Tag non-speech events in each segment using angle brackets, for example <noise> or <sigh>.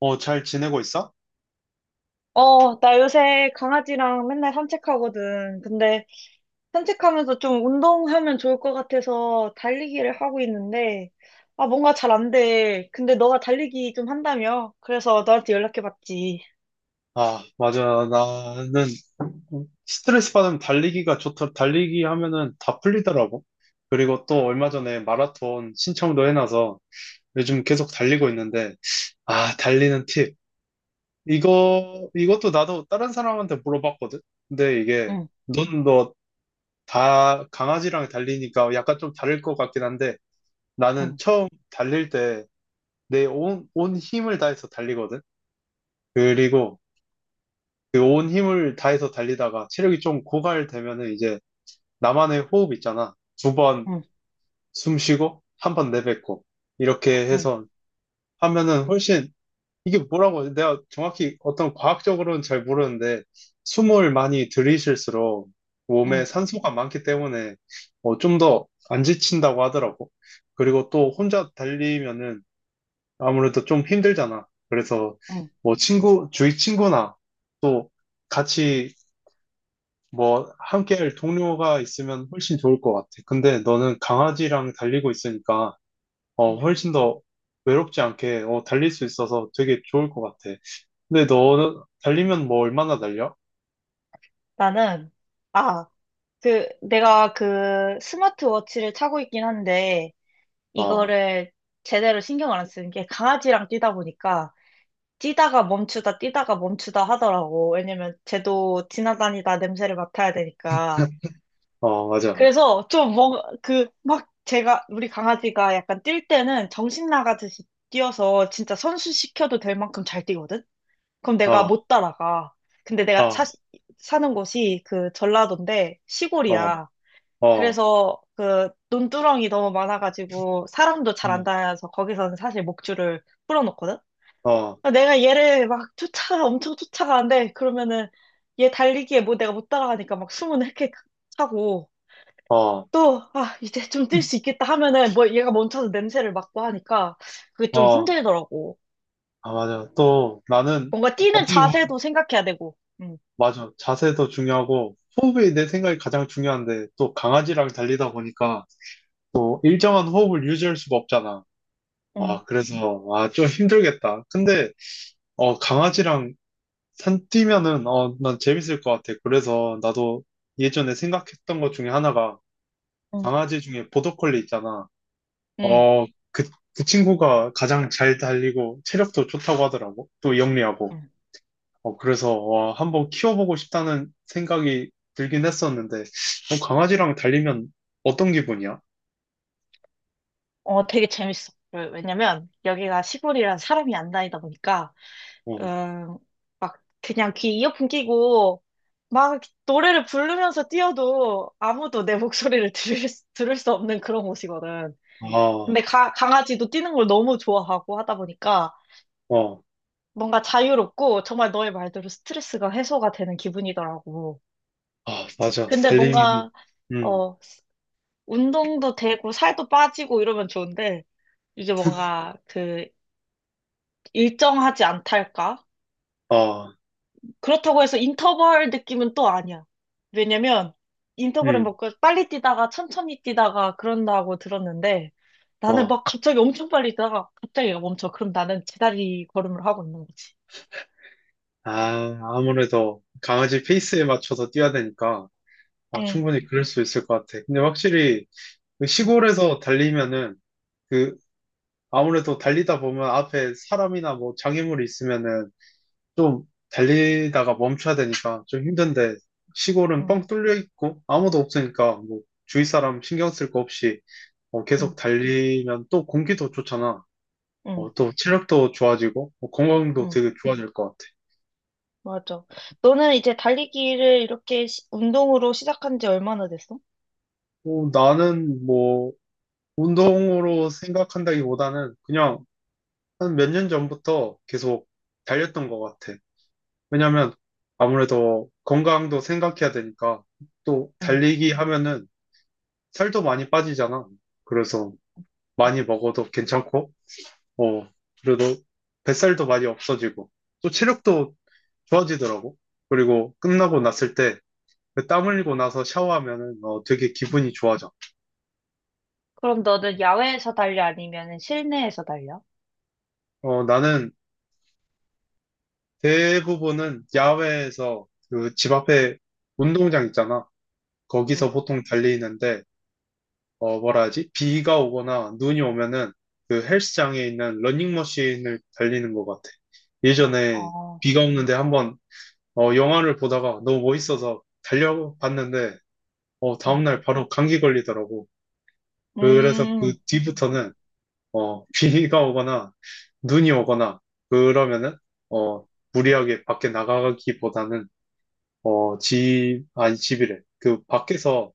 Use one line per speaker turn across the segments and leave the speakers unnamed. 어, 잘 지내고 있어?
어, 나 요새 강아지랑 맨날 산책하거든. 근데 산책하면서 좀 운동하면 좋을 것 같아서 달리기를 하고 있는데, 아, 뭔가 잘 안 돼. 근데 너가 달리기 좀 한다며? 그래서 너한테 연락해봤지.
아, 맞아. 나는 스트레스 받으면 달리기 하면은 다 풀리더라고. 그리고 또 얼마 전에 마라톤 신청도 해놔서 요즘 계속 달리고 있는데, 아, 달리는 팁. 이것도 나도 다른 사람한테 물어봤거든? 근데 이게,
응,
넌 너 다 강아지랑 달리니까 약간 좀 다를 것 같긴 한데, 나는
응,
처음 달릴 때 내 온 힘을 다해서 달리거든? 그리고 그 온 힘을 다해서 달리다가 체력이 좀 고갈되면은 이제 나만의 호흡 있잖아. 두 번
응,
숨 쉬고, 한 번 내뱉고. 이렇게
응,
해서 하면은 훨씬, 이게 뭐라고, 하지? 내가 정확히 어떤 과학적으로는 잘 모르는데, 숨을 많이 들이쉴수록 몸에
응,
산소가 많기 때문에 어, 좀더 안 지친다고 하더라고. 그리고 또 혼자 달리면은 아무래도 좀 힘들잖아. 그래서
응.
뭐 친구, 주위 친구나 또 같이 뭐, 함께 할 동료가 있으면 훨씬 좋을 것 같아. 근데 너는 강아지랑 달리고 있으니까, 어,
응.
훨씬 더 외롭지 않게, 어, 달릴 수 있어서 되게 좋을 것 같아. 근데 너는 달리면 뭐 얼마나 달려?
나는, 아, 그, 내가 그 스마트워치를 차고 있긴 한데,
어,
이거를 제대로 신경을 안 쓰는 게 강아지랑 뛰다 보니까, 뛰다가 멈추다, 뛰다가 멈추다 하더라고. 왜냐면 쟤도 지나다니다 냄새를 맡아야 되니까.
어, 맞아.
그래서 좀 뭔, 그, 막 제가, 우리 강아지가 약간 뛸 때는 정신 나가듯이 뛰어서 진짜 선수 시켜도 될 만큼 잘 뛰거든? 그럼 내가
어,
못 따라가. 근데
어,
사는 곳이 그 전라도인데
어,
시골이야.
어,
그래서 그 논두렁이 너무 많아가지고 사람도 잘 안
음,
다녀서 거기서는 사실 목줄을 풀어놓거든?
어,
아, 내가 얘를 막 쫓아, 엄청 쫓아가는데, 그러면은 얘 달리기에 뭐 내가 못 따라가니까 막 숨은 헥헥 하고
어,
또, 아, 이제 좀 뛸 수 있겠다 하면은 뭐 얘가 멈춰서 냄새를 맡고 하니까 그게 좀
어,
힘들더라고.
아, 맞아. 또 나는
뭔가 뛰는
어떻게 보면,
자세도 생각해야 되고, 응,
맞아. 자세도 중요하고, 호흡이 내 생각이 가장 중요한데, 또 강아지랑 달리다 보니까, 또 일정한 호흡을 유지할 수가 없잖아.
응,
아, 그래서, 아, 좀 힘들겠다. 근데, 어, 강아지랑 산 뛰면은, 어, 난 재밌을 것 같아. 그래서 나도 예전에 생각했던 것 중에 하나가,
응,
강아지 중에 보더콜리 있잖아.
응,
어, 그, 그 친구가 가장 잘 달리고, 체력도 좋다고 하더라고. 또 영리하고.
응.
어, 그래서, 와, 한번 키워보고 싶다는 생각이 들긴 했었는데, 어, 강아지랑 달리면 어떤 기분이야?
어, 되게 재밌어. 왜냐면 여기가 시골이라 사람이 안 다니다 보니까
어,
음, 막 그냥 귀 이어폰 끼고 막 노래를 부르면서 뛰어도 아무도 내 목소리를 들을 수 없는 그런 곳이거든.
아,
근데 강아지도 뛰는 걸 너무 좋아하고 하다 보니까
어,
뭔가 자유롭고 정말 너의 말대로 스트레스가 해소가 되는 기분이더라고.
아, 맞아.
근데
달리면은,
뭔가
음,
어, 운동도 되고 살도 빠지고 이러면 좋은데 이게 뭔가 그 일정하지 않달까?
아,
그렇다고 해서 인터벌 느낌은 또 아니야. 왜냐면 인터벌은
음.
막 빨리 뛰다가 천천히 뛰다가 그런다고 들었는데 나는
어,
막 갑자기 엄청 빨리 뛰다가 갑자기 얘가 멈춰. 그럼 나는 제다리 걸음을 하고 있는 거지.
아, 아무래도 강아지 페이스에 맞춰서 뛰어야 되니까 어,
응,
충분히 그럴 수 있을 것 같아. 근데 확실히 그
응,
시골에서 달리면은 그 아무래도 달리다 보면 앞에 사람이나 뭐 장애물이 있으면은 좀 달리다가 멈춰야 되니까 좀 힘든데 시골은
응,
뻥 뚫려 있고 아무도 없으니까 뭐 주위 사람 신경 쓸 거 없이 어,
응,
계속 달리면 또 공기도 좋잖아.
응,
어, 또 체력도 좋아지고 뭐 건강도
응.
되게 좋아질 것 같아.
맞아. 너는 이제 달리기를 이렇게 운동으로 시작한 지 얼마나 됐어?
어, 나는 뭐 운동으로 생각한다기보다는 그냥 한 몇 년 전부터 계속 달렸던 것 같아. 왜냐면 아무래도 건강도 생각해야 되니까 또
응,
달리기 하면은 살도 많이 빠지잖아. 그래서 많이 먹어도 괜찮고, 어, 그래도 뱃살도 많이 없어지고, 또 체력도 좋아지더라고. 그리고 끝나고 났을 때 땀 흘리고 나서 샤워하면은 어, 되게
응,
기분이 좋아져.
그럼 너는 야외에서 달려 아니면 실내에서 달려?
어, 나는 대부분은 야외에서 그 집 앞에 운동장 있잖아.
응,
거기서 보통 달리는데, 어, 뭐라 하지? 비가 오거나 눈이 오면은 그 헬스장에 있는 러닝머신을 달리는 것 같아. 예전에
어,
비가 오는데 한번 어, 영화를 보다가 너무 멋있어서 달려봤는데, 어,
응.
다음날 바로 감기 걸리더라고. 그래서 그
음,
뒤부터는 어, <laughs> 비가 오거나 눈이 오거나 그러면은 어, 무리하게 밖에 나가기보다는 어, 집, 아니, 집이래. 그,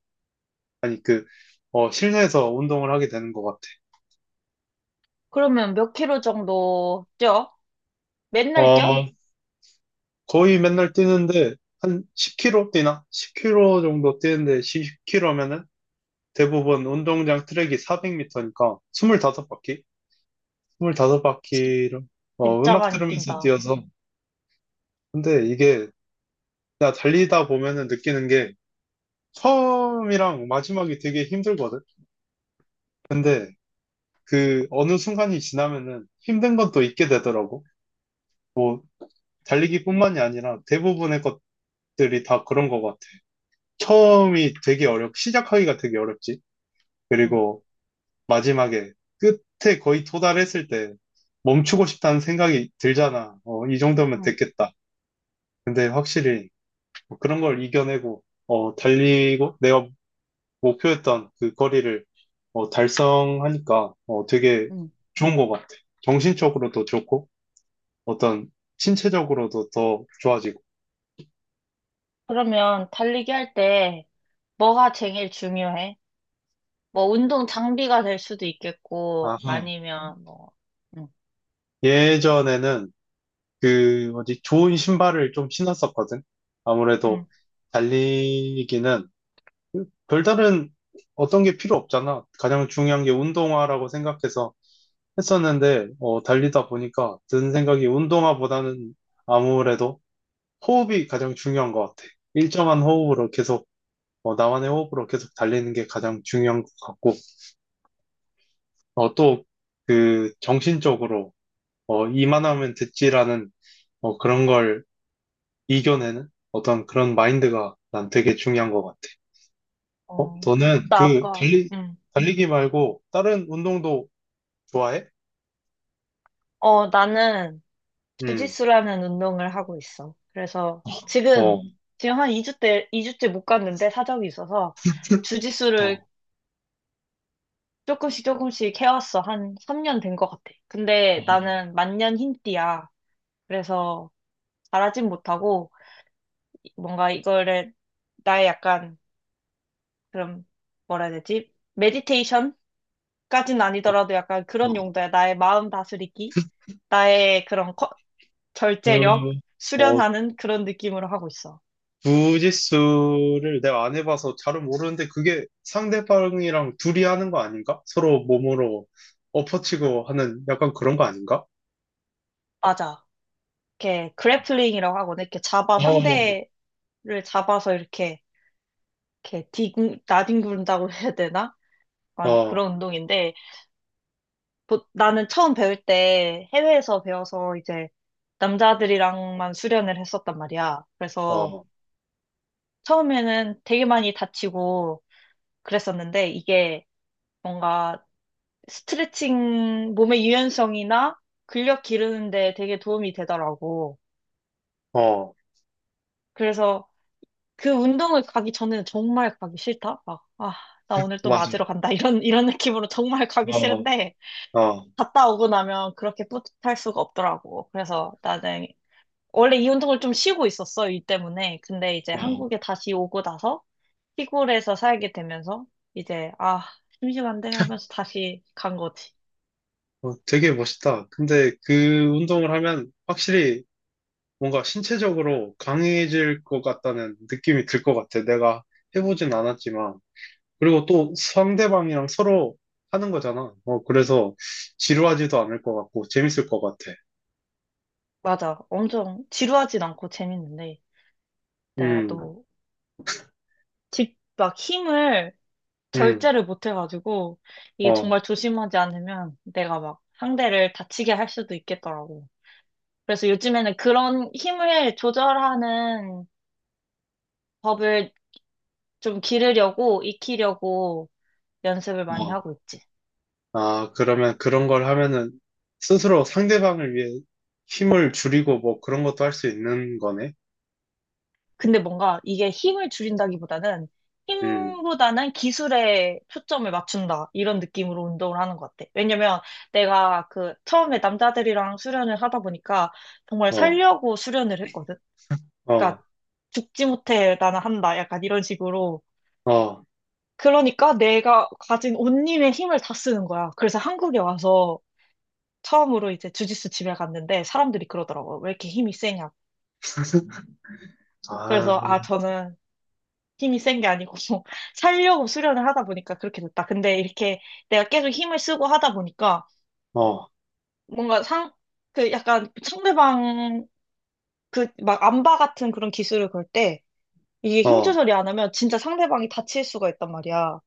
아니, 그, 어, 실내에서 운동을 하게 되는 것 같아.
그러면 몇 킬로 정도 뛰어? 맨날
어,
뛰어?
거의 맨날 뛰는데, 한 10km 뛰나? 10km 정도 뛰는데, 10km면은 대부분 운동장 트랙이 400m니까, 25바퀴? 25바퀴를, 어,
진짜
음악
많이
들으면서
뛴다.
뛰어서. 근데 이게, 나 달리다 보면은 느끼는 게, 처음이랑 마지막이 되게 힘들거든? 근데, 그, 어느 순간이 지나면은 힘든 건 또 잊게 되더라고. 뭐 달리기뿐만이 아니라 대부분의 것들이 다 그런 것 같아. 처음이 되게 시작하기가 되게 어렵지.
응,
그리고 마지막에 끝에 거의 도달했을 때 멈추고 싶다는 생각이 들잖아. 어, 이 정도면
응,
됐겠다. 근데 확실히 뭐 그런 걸 이겨내고 어, 달리고 내가 목표했던 그 거리를 어, 달성하니까 어, 되게
응.
좋은 것 같아. 정신적으로도 좋고 어떤 신체적으로도 더 좋아지고.
그러면 달리기 할 때 뭐가 제일 중요해? 뭐 운동 장비가 될 수도 있겠고
아하.
아니면 뭐 응.
예전에는 그 뭐지 좋은 신발을 좀 신었었거든. 아무래도
응.
달리기는 별다른 어떤 게 필요 없잖아. 가장 중요한 게 운동화라고 생각해서 했었는데 어, 달리다 보니까 든 생각이 운동화보다는 아무래도 호흡이 가장 중요한 것 같아. 일정한 호흡으로 계속 어, 나만의 호흡으로 계속 달리는 게 가장 중요한 것 같고 어, 또그 정신적으로 어, 이만하면 됐지라는 어, 그런 걸 이겨내는 어떤 그런 마인드가 난 되게 중요한 것 같아. 어,
어,
너는
나
그
아까 응.
달리기 말고 다른 운동도 좋아해?
어, 나는
응,
주짓수라는 운동을 하고 있어. 그래서
어,
지금
어,
지금 한 2주 때 이 주째 못 갔는데 사정이 있어서 주짓수를
어,
조금씩 조금씩 해왔어. 한 3년 된 것 같아. 근데 나는 만년 흰띠야. 그래서 잘하진 못하고 뭔가 이거를 나의 약간 그런 뭐라 해야 되지? 메디테이션까지는
어,
아니더라도 약간 그런
어.
용도야. 나의 마음 다스리기, 나의 그런 절제력
음, 어,
수련하는 그런 느낌으로 하고 있어.
주짓수를 내가 안 해봐서 잘은 모르는데 그게 상대방이랑 둘이 하는 거 아닌가? 서로 몸으로 엎어치고 하는 약간 그런 거 아닌가?
맞아. 이렇게 그래플링이라고 하거든. 이렇게 잡아
어,
상대를 잡아서 이렇게 이렇게 나뒹군다고 해야 되나? 약간
어,
그런 운동인데 나는 처음 배울 때 해외에서 배워서 이제 남자들이랑만 수련을 했었단 말이야. 그래서
어,
처음에는 되게 많이 다치고 그랬었는데 이게 뭔가 스트레칭, 몸의 유연성이나 근력 기르는데 되게 도움이 되더라고.
어,
그래서 그 운동을 가기 전에는 정말 가기 싫다. 막, 아, 나 오늘 또
맞아.
맞으러 간다. 이런 느낌으로 정말 가기
어,
싫은데
어,
갔다 오고 나면 그렇게 뿌듯할 수가 없더라고. 그래서 나는 원래 이 운동을 좀 쉬고 있었어, 일 때문에. 근데 이제
어.
한국에 다시 오고 나서 시골에서 살게 되면서 이제 아, 심심한데 하면서 다시 간 거지.
어, 되게 멋있다. 근데 그 운동을 하면 확실히 뭔가 신체적으로 강해질 것 같다는 느낌이 들 것 같아. 내가 해보진 않았지만. 그리고 또 상대방이랑 서로 하는 거잖아. 어, 그래서 지루하지도 않을 것 같고 재밌을 것 같아.
맞아. 엄청 지루하진 않고 재밌는데 내가
음,
또 집 막 힘을
음,
절제를 못 해가지고 이게
어,
정말 조심하지 않으면 내가 막 상대를 다치게 할 수도 있겠더라고. 그래서 요즘에는 그런 힘을 조절하는 법을 좀 기르려고 익히려고 연습을 많이
어.
하고 있지.
아, 그러면 그런 걸 하면은 스스로 상대방을 위해 힘을 줄이고 뭐 그런 것도 할 수 있는 거네.
근데 뭔가 이게 힘을 줄인다기보다는
음,
힘보다는 기술에 초점을 맞춘다. 이런 느낌으로 운동을 하는 것 같아. 왜냐면 내가 그 처음에 남자들이랑 수련을 하다 보니까 정말
어,
살려고 수련을 했거든.
어,
그러니까 죽지 못해 나는 한다. 약간 이런 식으로.
어,
그러니까 내가 가진 온몸의 힘을 다 쓰는 거야. 그래서 한국에 와서 처음으로 이제 주짓수 집에 갔는데 사람들이 그러더라고. 왜 이렇게 힘이 세냐고.
아,
그래서 아, 저는 힘이 센 게 아니고 <laughs> 살려고 수련을 하다 보니까 그렇게 됐다. 근데 이렇게 내가 계속 힘을 쓰고 하다 보니까
어.
뭔가 상, 그 약간 상대방 그 막 암바 같은 그런 기술을 걸 때 이게 힘
어.
조절이 안 하면 진짜 상대방이 다칠 수가 있단 말이야.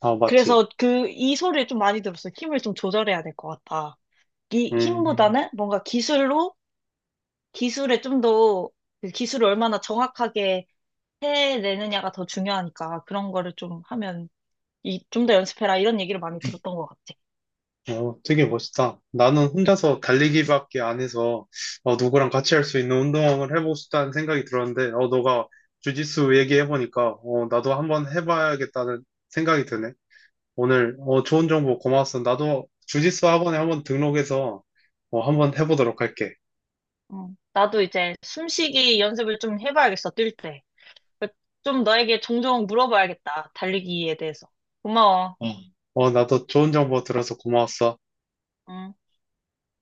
아,
그래서
맞지.
그 이 소리를 좀 많이 들었어. 힘을 좀 조절해야 될 것 같다. 이
음,
힘보다는 뭔가 기술로 기술에 좀더 그 기술을 얼마나 정확하게 해내느냐가 더 중요하니까 그런 거를 좀 하면 이, 좀 더 연습해라. 이런 얘기를 많이 들었던 것 같아.
어, 되게 멋있다. 나는 혼자서 달리기밖에 안 해서, 어, 누구랑 같이 할 수 있는 운동을 해보고 싶다는 생각이 들었는데, 어, 너가 주짓수 얘기해보니까, 어, 나도 한번 해봐야겠다는 생각이 드네. 오늘, 어, 좋은 정보 고마웠어. 나도 주짓수 학원에 한번 등록해서, 어, 한번 해보도록 할게.
어, 나도 이제 숨쉬기 연습을 좀 해봐야겠어, 뛸 때. 좀 너에게 종종 물어봐야겠다, 달리기에 대해서. 고마워.
어, 어, 나도 좋은 정보 들어서 고마웠어.
음.